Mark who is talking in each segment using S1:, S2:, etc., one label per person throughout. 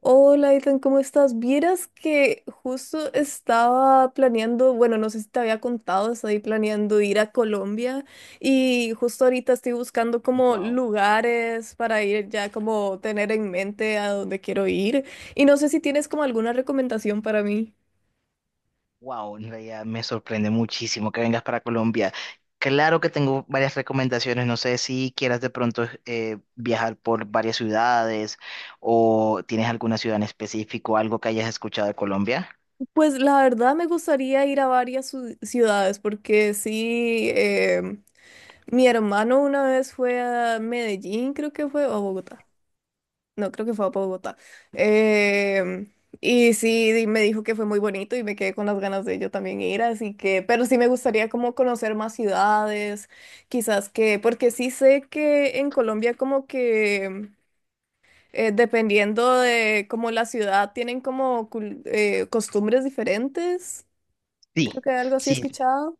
S1: Hola, Ethan, ¿cómo estás? Vieras que justo estaba planeando, bueno, no sé si te había contado, estoy planeando ir a Colombia y justo ahorita estoy buscando como
S2: Wow,
S1: lugares para ir ya como tener en mente a dónde quiero ir y no sé si tienes como alguna recomendación para mí.
S2: wow, en realidad me sorprende muchísimo que vengas para Colombia. Claro que tengo varias recomendaciones, no sé si quieras de pronto viajar por varias ciudades o tienes alguna ciudad en específico, algo que hayas escuchado de Colombia.
S1: Pues la verdad me gustaría ir a ciudades porque sí, mi hermano una vez fue a Medellín, creo que fue, o a Bogotá. No, creo que fue a Bogotá. Em, y sí, me dijo que fue muy bonito y me quedé con las ganas de yo también ir, así que, pero sí me gustaría como conocer más ciudades, quizás que, porque sí sé que en Colombia como que dependiendo de como la ciudad tienen como costumbres diferentes.
S2: Sí,
S1: Creo que algo así he
S2: sí,
S1: escuchado.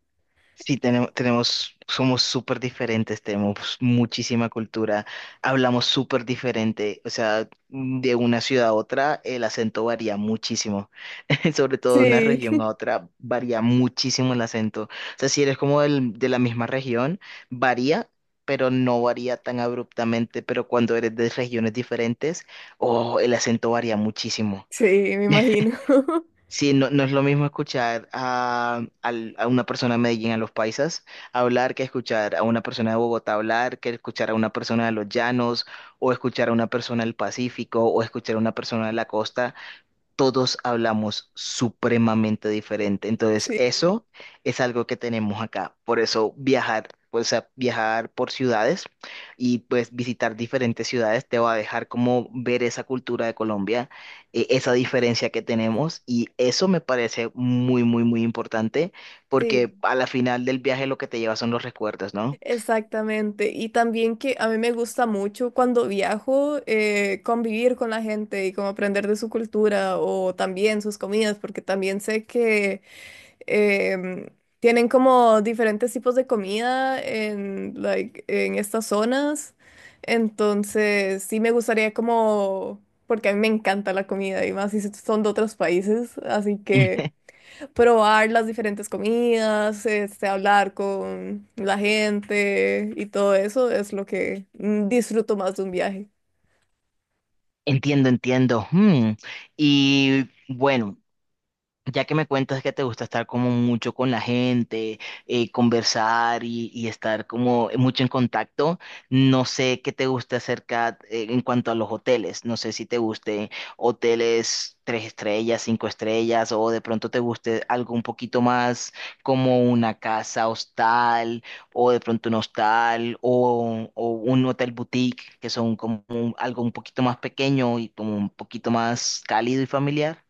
S2: sí, tenemos, somos súper diferentes, tenemos muchísima cultura, hablamos súper diferente, o sea, de una ciudad a otra el acento varía muchísimo. Sobre todo de una
S1: Sí,
S2: región a otra varía muchísimo el acento, o sea, si eres como de la misma región, varía, pero no varía tan abruptamente, pero cuando eres de regiones diferentes, oh, el acento varía muchísimo.
S1: sí, me imagino.
S2: Sí, no, no es lo mismo escuchar a una persona de Medellín, a los paisas, hablar que escuchar a una persona de Bogotá hablar, que escuchar a una persona de los llanos, o escuchar a una persona del Pacífico, o escuchar a una persona de la costa. Todos hablamos supremamente diferente. Entonces,
S1: Sí,
S2: eso es algo que tenemos acá. Por eso viajar, pues, o viajar por ciudades y pues visitar diferentes ciudades te va a dejar como ver esa cultura de Colombia, esa diferencia que tenemos y eso me parece muy, muy, muy importante porque
S1: sí.
S2: a la final del viaje lo que te lleva son los recuerdos, ¿no?
S1: Exactamente, y también que a mí me gusta mucho cuando viajo convivir con la gente y como aprender de su cultura o también sus comidas, porque también sé que em, tienen como diferentes tipos de comida en, like, en estas zonas, entonces sí me gustaría como, porque a mí me encanta la comida y más si son de otros países, así que probar las diferentes comidas, este, hablar con la gente y todo eso es lo que disfruto más de un viaje.
S2: Entiendo, entiendo. Hmm. Y bueno, ya que me cuentas que te gusta estar como mucho con la gente, conversar y estar como mucho en contacto, no sé qué te gusta acerca en cuanto a los hoteles. No sé si te gusten hoteles tres estrellas, cinco estrellas, o de pronto te guste algo un poquito más como una casa hostal, o de pronto un hostal, o un hotel boutique, que son como algo un poquito más pequeño y como un poquito más cálido y familiar.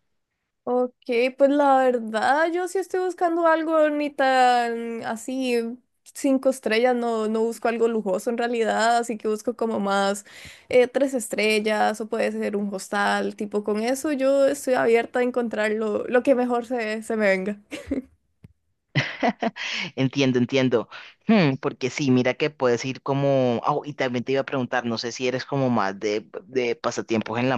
S1: Ok, pues la verdad yo sí estoy buscando algo ni tan así, cinco estrellas, no, no busco algo lujoso en realidad, así que busco como más tres estrellas o puede ser un hostal, tipo con eso yo estoy abierta a encontrar lo que mejor se me venga.
S2: Entiendo, entiendo. Porque sí, mira que puedes ir como ah, y también te iba a preguntar, no sé si eres como más de pasatiempos en la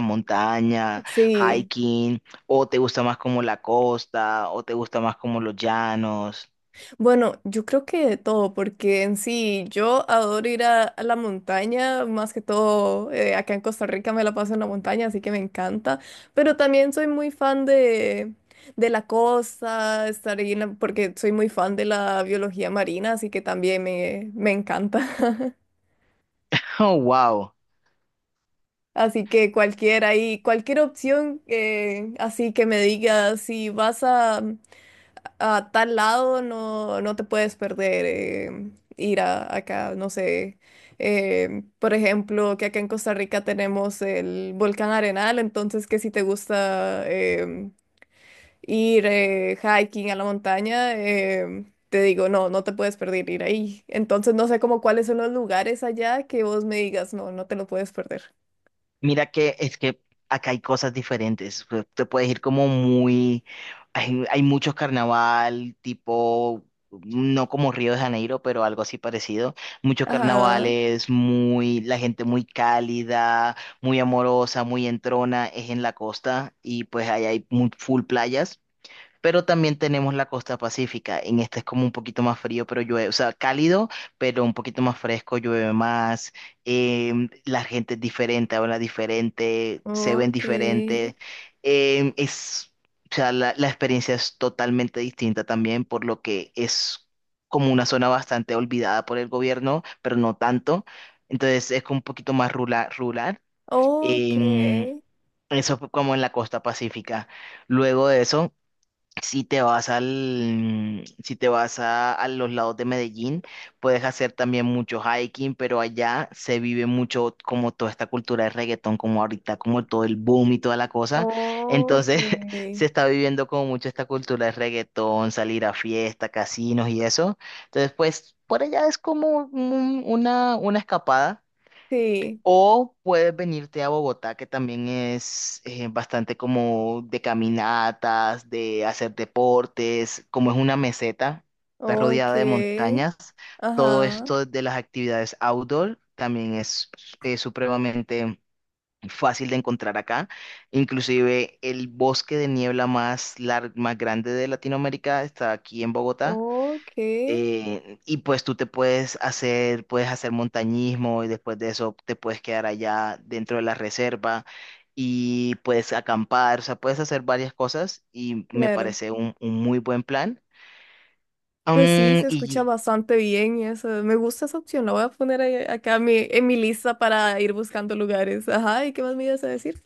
S2: montaña,
S1: Sí.
S2: hiking, o te gusta más como la costa, o te gusta más como los llanos.
S1: Bueno, yo creo que de todo, porque en sí yo adoro ir a la montaña, más que todo acá en Costa Rica me la paso en la montaña, así que me encanta, pero también soy muy fan de la costa, estar ahí, porque soy muy fan de la biología marina, así que también me encanta.
S2: Oh, wow.
S1: Así que cualquier ahí, cualquier opción, así que me digas si vas a… a tal lado no, no te puedes perder ir a, acá, no sé. Eh, por ejemplo, que acá en Costa Rica tenemos el volcán Arenal, entonces que si te gusta ir hiking a la montaña, te digo, no, no te puedes perder ir ahí. Entonces no sé como cuáles son los lugares allá que vos me digas, no, no te lo puedes perder.
S2: Mira que es que acá hay cosas diferentes. Te puedes ir como muy hay, muchos carnaval, tipo, no como Río de Janeiro, pero algo así parecido. Muchos
S1: Ajá,
S2: carnavales, muy, la gente muy cálida, muy amorosa, muy entrona, es en la costa y pues ahí hay muy full playas. Pero también tenemos la costa pacífica. En esta es como un poquito más frío, pero llueve, o sea, cálido, pero un poquito más fresco, llueve más. Em, la gente es diferente, habla diferente, se ven
S1: ok,
S2: diferente. Em, es, o sea, la experiencia es totalmente distinta también, por lo que es como una zona bastante olvidada por el gobierno, pero no tanto. Entonces es como un poquito más rural. em,
S1: ok,
S2: eso fue como en la costa pacífica. Luego de eso, si te vas al, si te vas a los lados de Medellín, puedes hacer también mucho hiking, pero allá se vive mucho como toda esta cultura de reggaetón, como ahorita, como todo el boom y toda la cosa.
S1: ok,
S2: Entonces, se está viviendo como mucho esta cultura de reggaetón, salir a fiesta, casinos y eso. Entonces, pues, por allá es como una escapada.
S1: sí.
S2: O puedes venirte a Bogotá, que también es bastante como de caminatas, de hacer deportes, como es una meseta, está
S1: Ok,
S2: rodeada de montañas. Todo
S1: ajá,
S2: esto de las actividades outdoor también es supremamente fácil de encontrar acá. Inclusive el bosque de niebla más grande de Latinoamérica está aquí en Bogotá.
S1: ok,
S2: Y pues tú puedes hacer montañismo y después de eso te puedes quedar allá dentro de la reserva y puedes acampar, o sea, puedes hacer varias cosas y me
S1: claro.
S2: parece un muy buen plan.
S1: Pues sí,
S2: Mm,
S1: se escucha
S2: y
S1: bastante bien y eso. Me gusta esa opción, la voy a poner acá en mi lista para ir buscando lugares. Ajá, ¿y qué más me ibas a decir?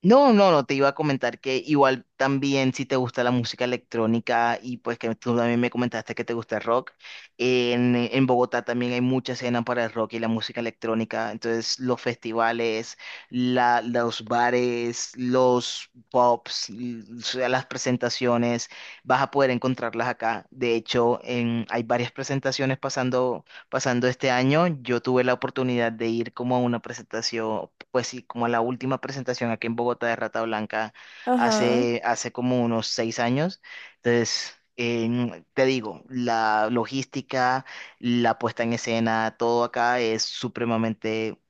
S2: No, no, no, te iba a comentar que igual también si te gusta la música electrónica y pues que tú también me comentaste que te gusta el rock, en Bogotá también hay mucha escena para el rock y la música electrónica, entonces los festivales, los bares, los pubs, o sea, las presentaciones, vas a poder encontrarlas acá. De hecho, hay varias presentaciones pasando este año. Yo tuve la oportunidad de ir como a una presentación, pues sí, como a la última presentación aquí en Bogotá de Rata Blanca
S1: Ajá.
S2: hace como unos 6 años. Entonces, te digo, la logística, la puesta en escena, todo acá es supremamente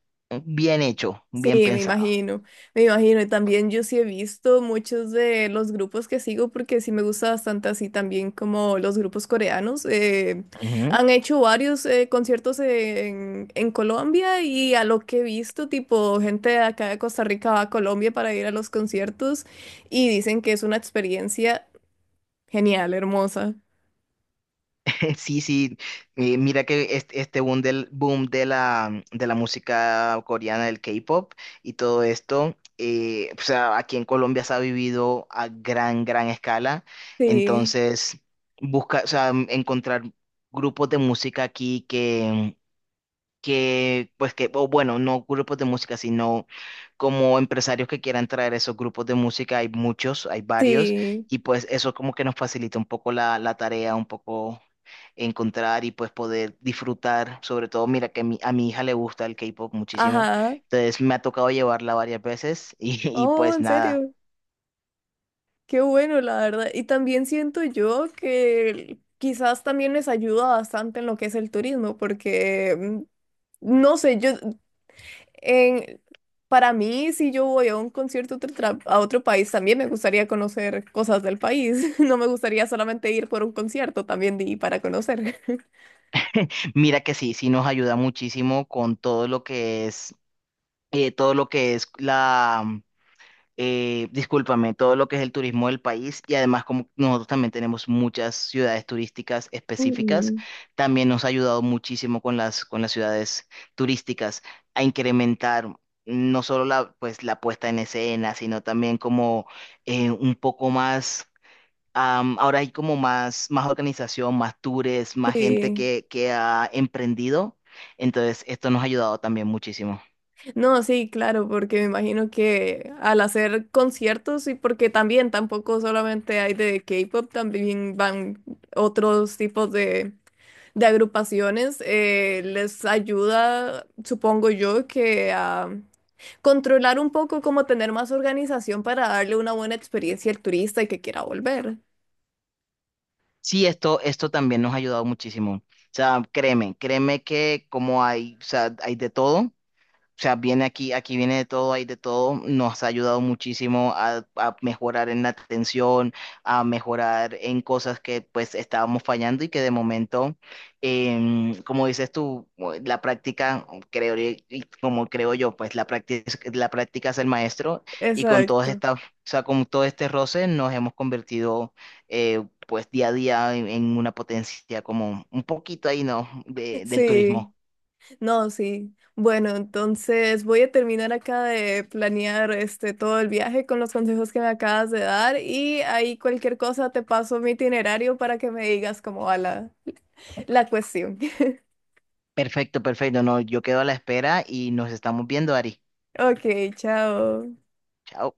S2: bien hecho, bien
S1: Sí, me
S2: pensado.
S1: imagino, me imagino. Y también yo sí he visto muchos de los grupos que sigo porque sí me gusta bastante así también como los grupos coreanos. Eh, han hecho varios conciertos en Colombia y a lo que he visto, tipo gente de acá de Costa Rica va a Colombia para ir a los conciertos y dicen que es una experiencia genial, hermosa.
S2: Sí, sí, mira que este boom del boom de la música coreana, del K-pop y todo esto, o sea, aquí en Colombia se ha vivido a gran, gran escala,
S1: Sí,
S2: entonces busca, o sea, encontrar grupos de música aquí pues que, o bueno, no grupos de música, sino como empresarios que quieran traer esos grupos de música, hay muchos, hay varios,
S1: sí,
S2: y pues eso como que nos facilita un poco la tarea, un poco encontrar y pues poder disfrutar, sobre todo, mira que a mi hija le gusta el K-pop muchísimo,
S1: ajá.
S2: entonces me ha tocado llevarla varias veces y, y
S1: Oh,
S2: pues
S1: ¿en
S2: nada,
S1: serio? Qué bueno, la verdad. Y también siento yo que quizás también les ayuda bastante en lo que es el turismo, porque no sé, yo en para mí, si yo voy a un concierto a otro país, también me gustaría conocer cosas del país. No me gustaría solamente ir por un concierto, también de ir para conocer.
S2: mira que sí, sí nos ayuda muchísimo con todo lo que es, todo lo que es la discúlpame, todo lo que es el turismo del país y además como nosotros también tenemos muchas ciudades turísticas específicas,
S1: Mm.
S2: también nos ha ayudado muchísimo con las ciudades turísticas a incrementar no solo la, pues, la puesta en escena, sino también como un poco más, ahora hay como más, más organización, más tours, más gente
S1: Sí.
S2: que ha emprendido, entonces esto nos ha ayudado también muchísimo.
S1: No, sí, claro, porque me imagino que al hacer conciertos y porque también tampoco solamente hay de K-pop, también van otros tipos de agrupaciones, les ayuda, supongo yo, que a controlar un poco, como tener más organización para darle una buena experiencia al turista y que quiera volver.
S2: Sí, esto también nos ha ayudado muchísimo. O sea, créeme, créeme que como hay, o sea, hay de todo. O sea, viene aquí, aquí viene de todo, hay de todo. Nos ha ayudado muchísimo a mejorar en la atención, a mejorar en cosas que pues estábamos fallando y que de momento, como dices tú, la práctica, creo, y como creo yo, pues la práctica es el maestro y con todas
S1: Exacto.
S2: estas, o sea, con todo este roce nos hemos convertido pues día a día en una potencia como un poquito ahí, ¿no? Del
S1: Sí.
S2: turismo.
S1: No, sí. Bueno, entonces voy a terminar acá de planear este todo el viaje con los consejos que me acabas de dar y ahí cualquier cosa te paso mi itinerario para que me digas cómo va la cuestión.
S2: Perfecto, perfecto. No, yo quedo a la espera y nos estamos viendo, Ari.
S1: Ok, chao.
S2: Chao.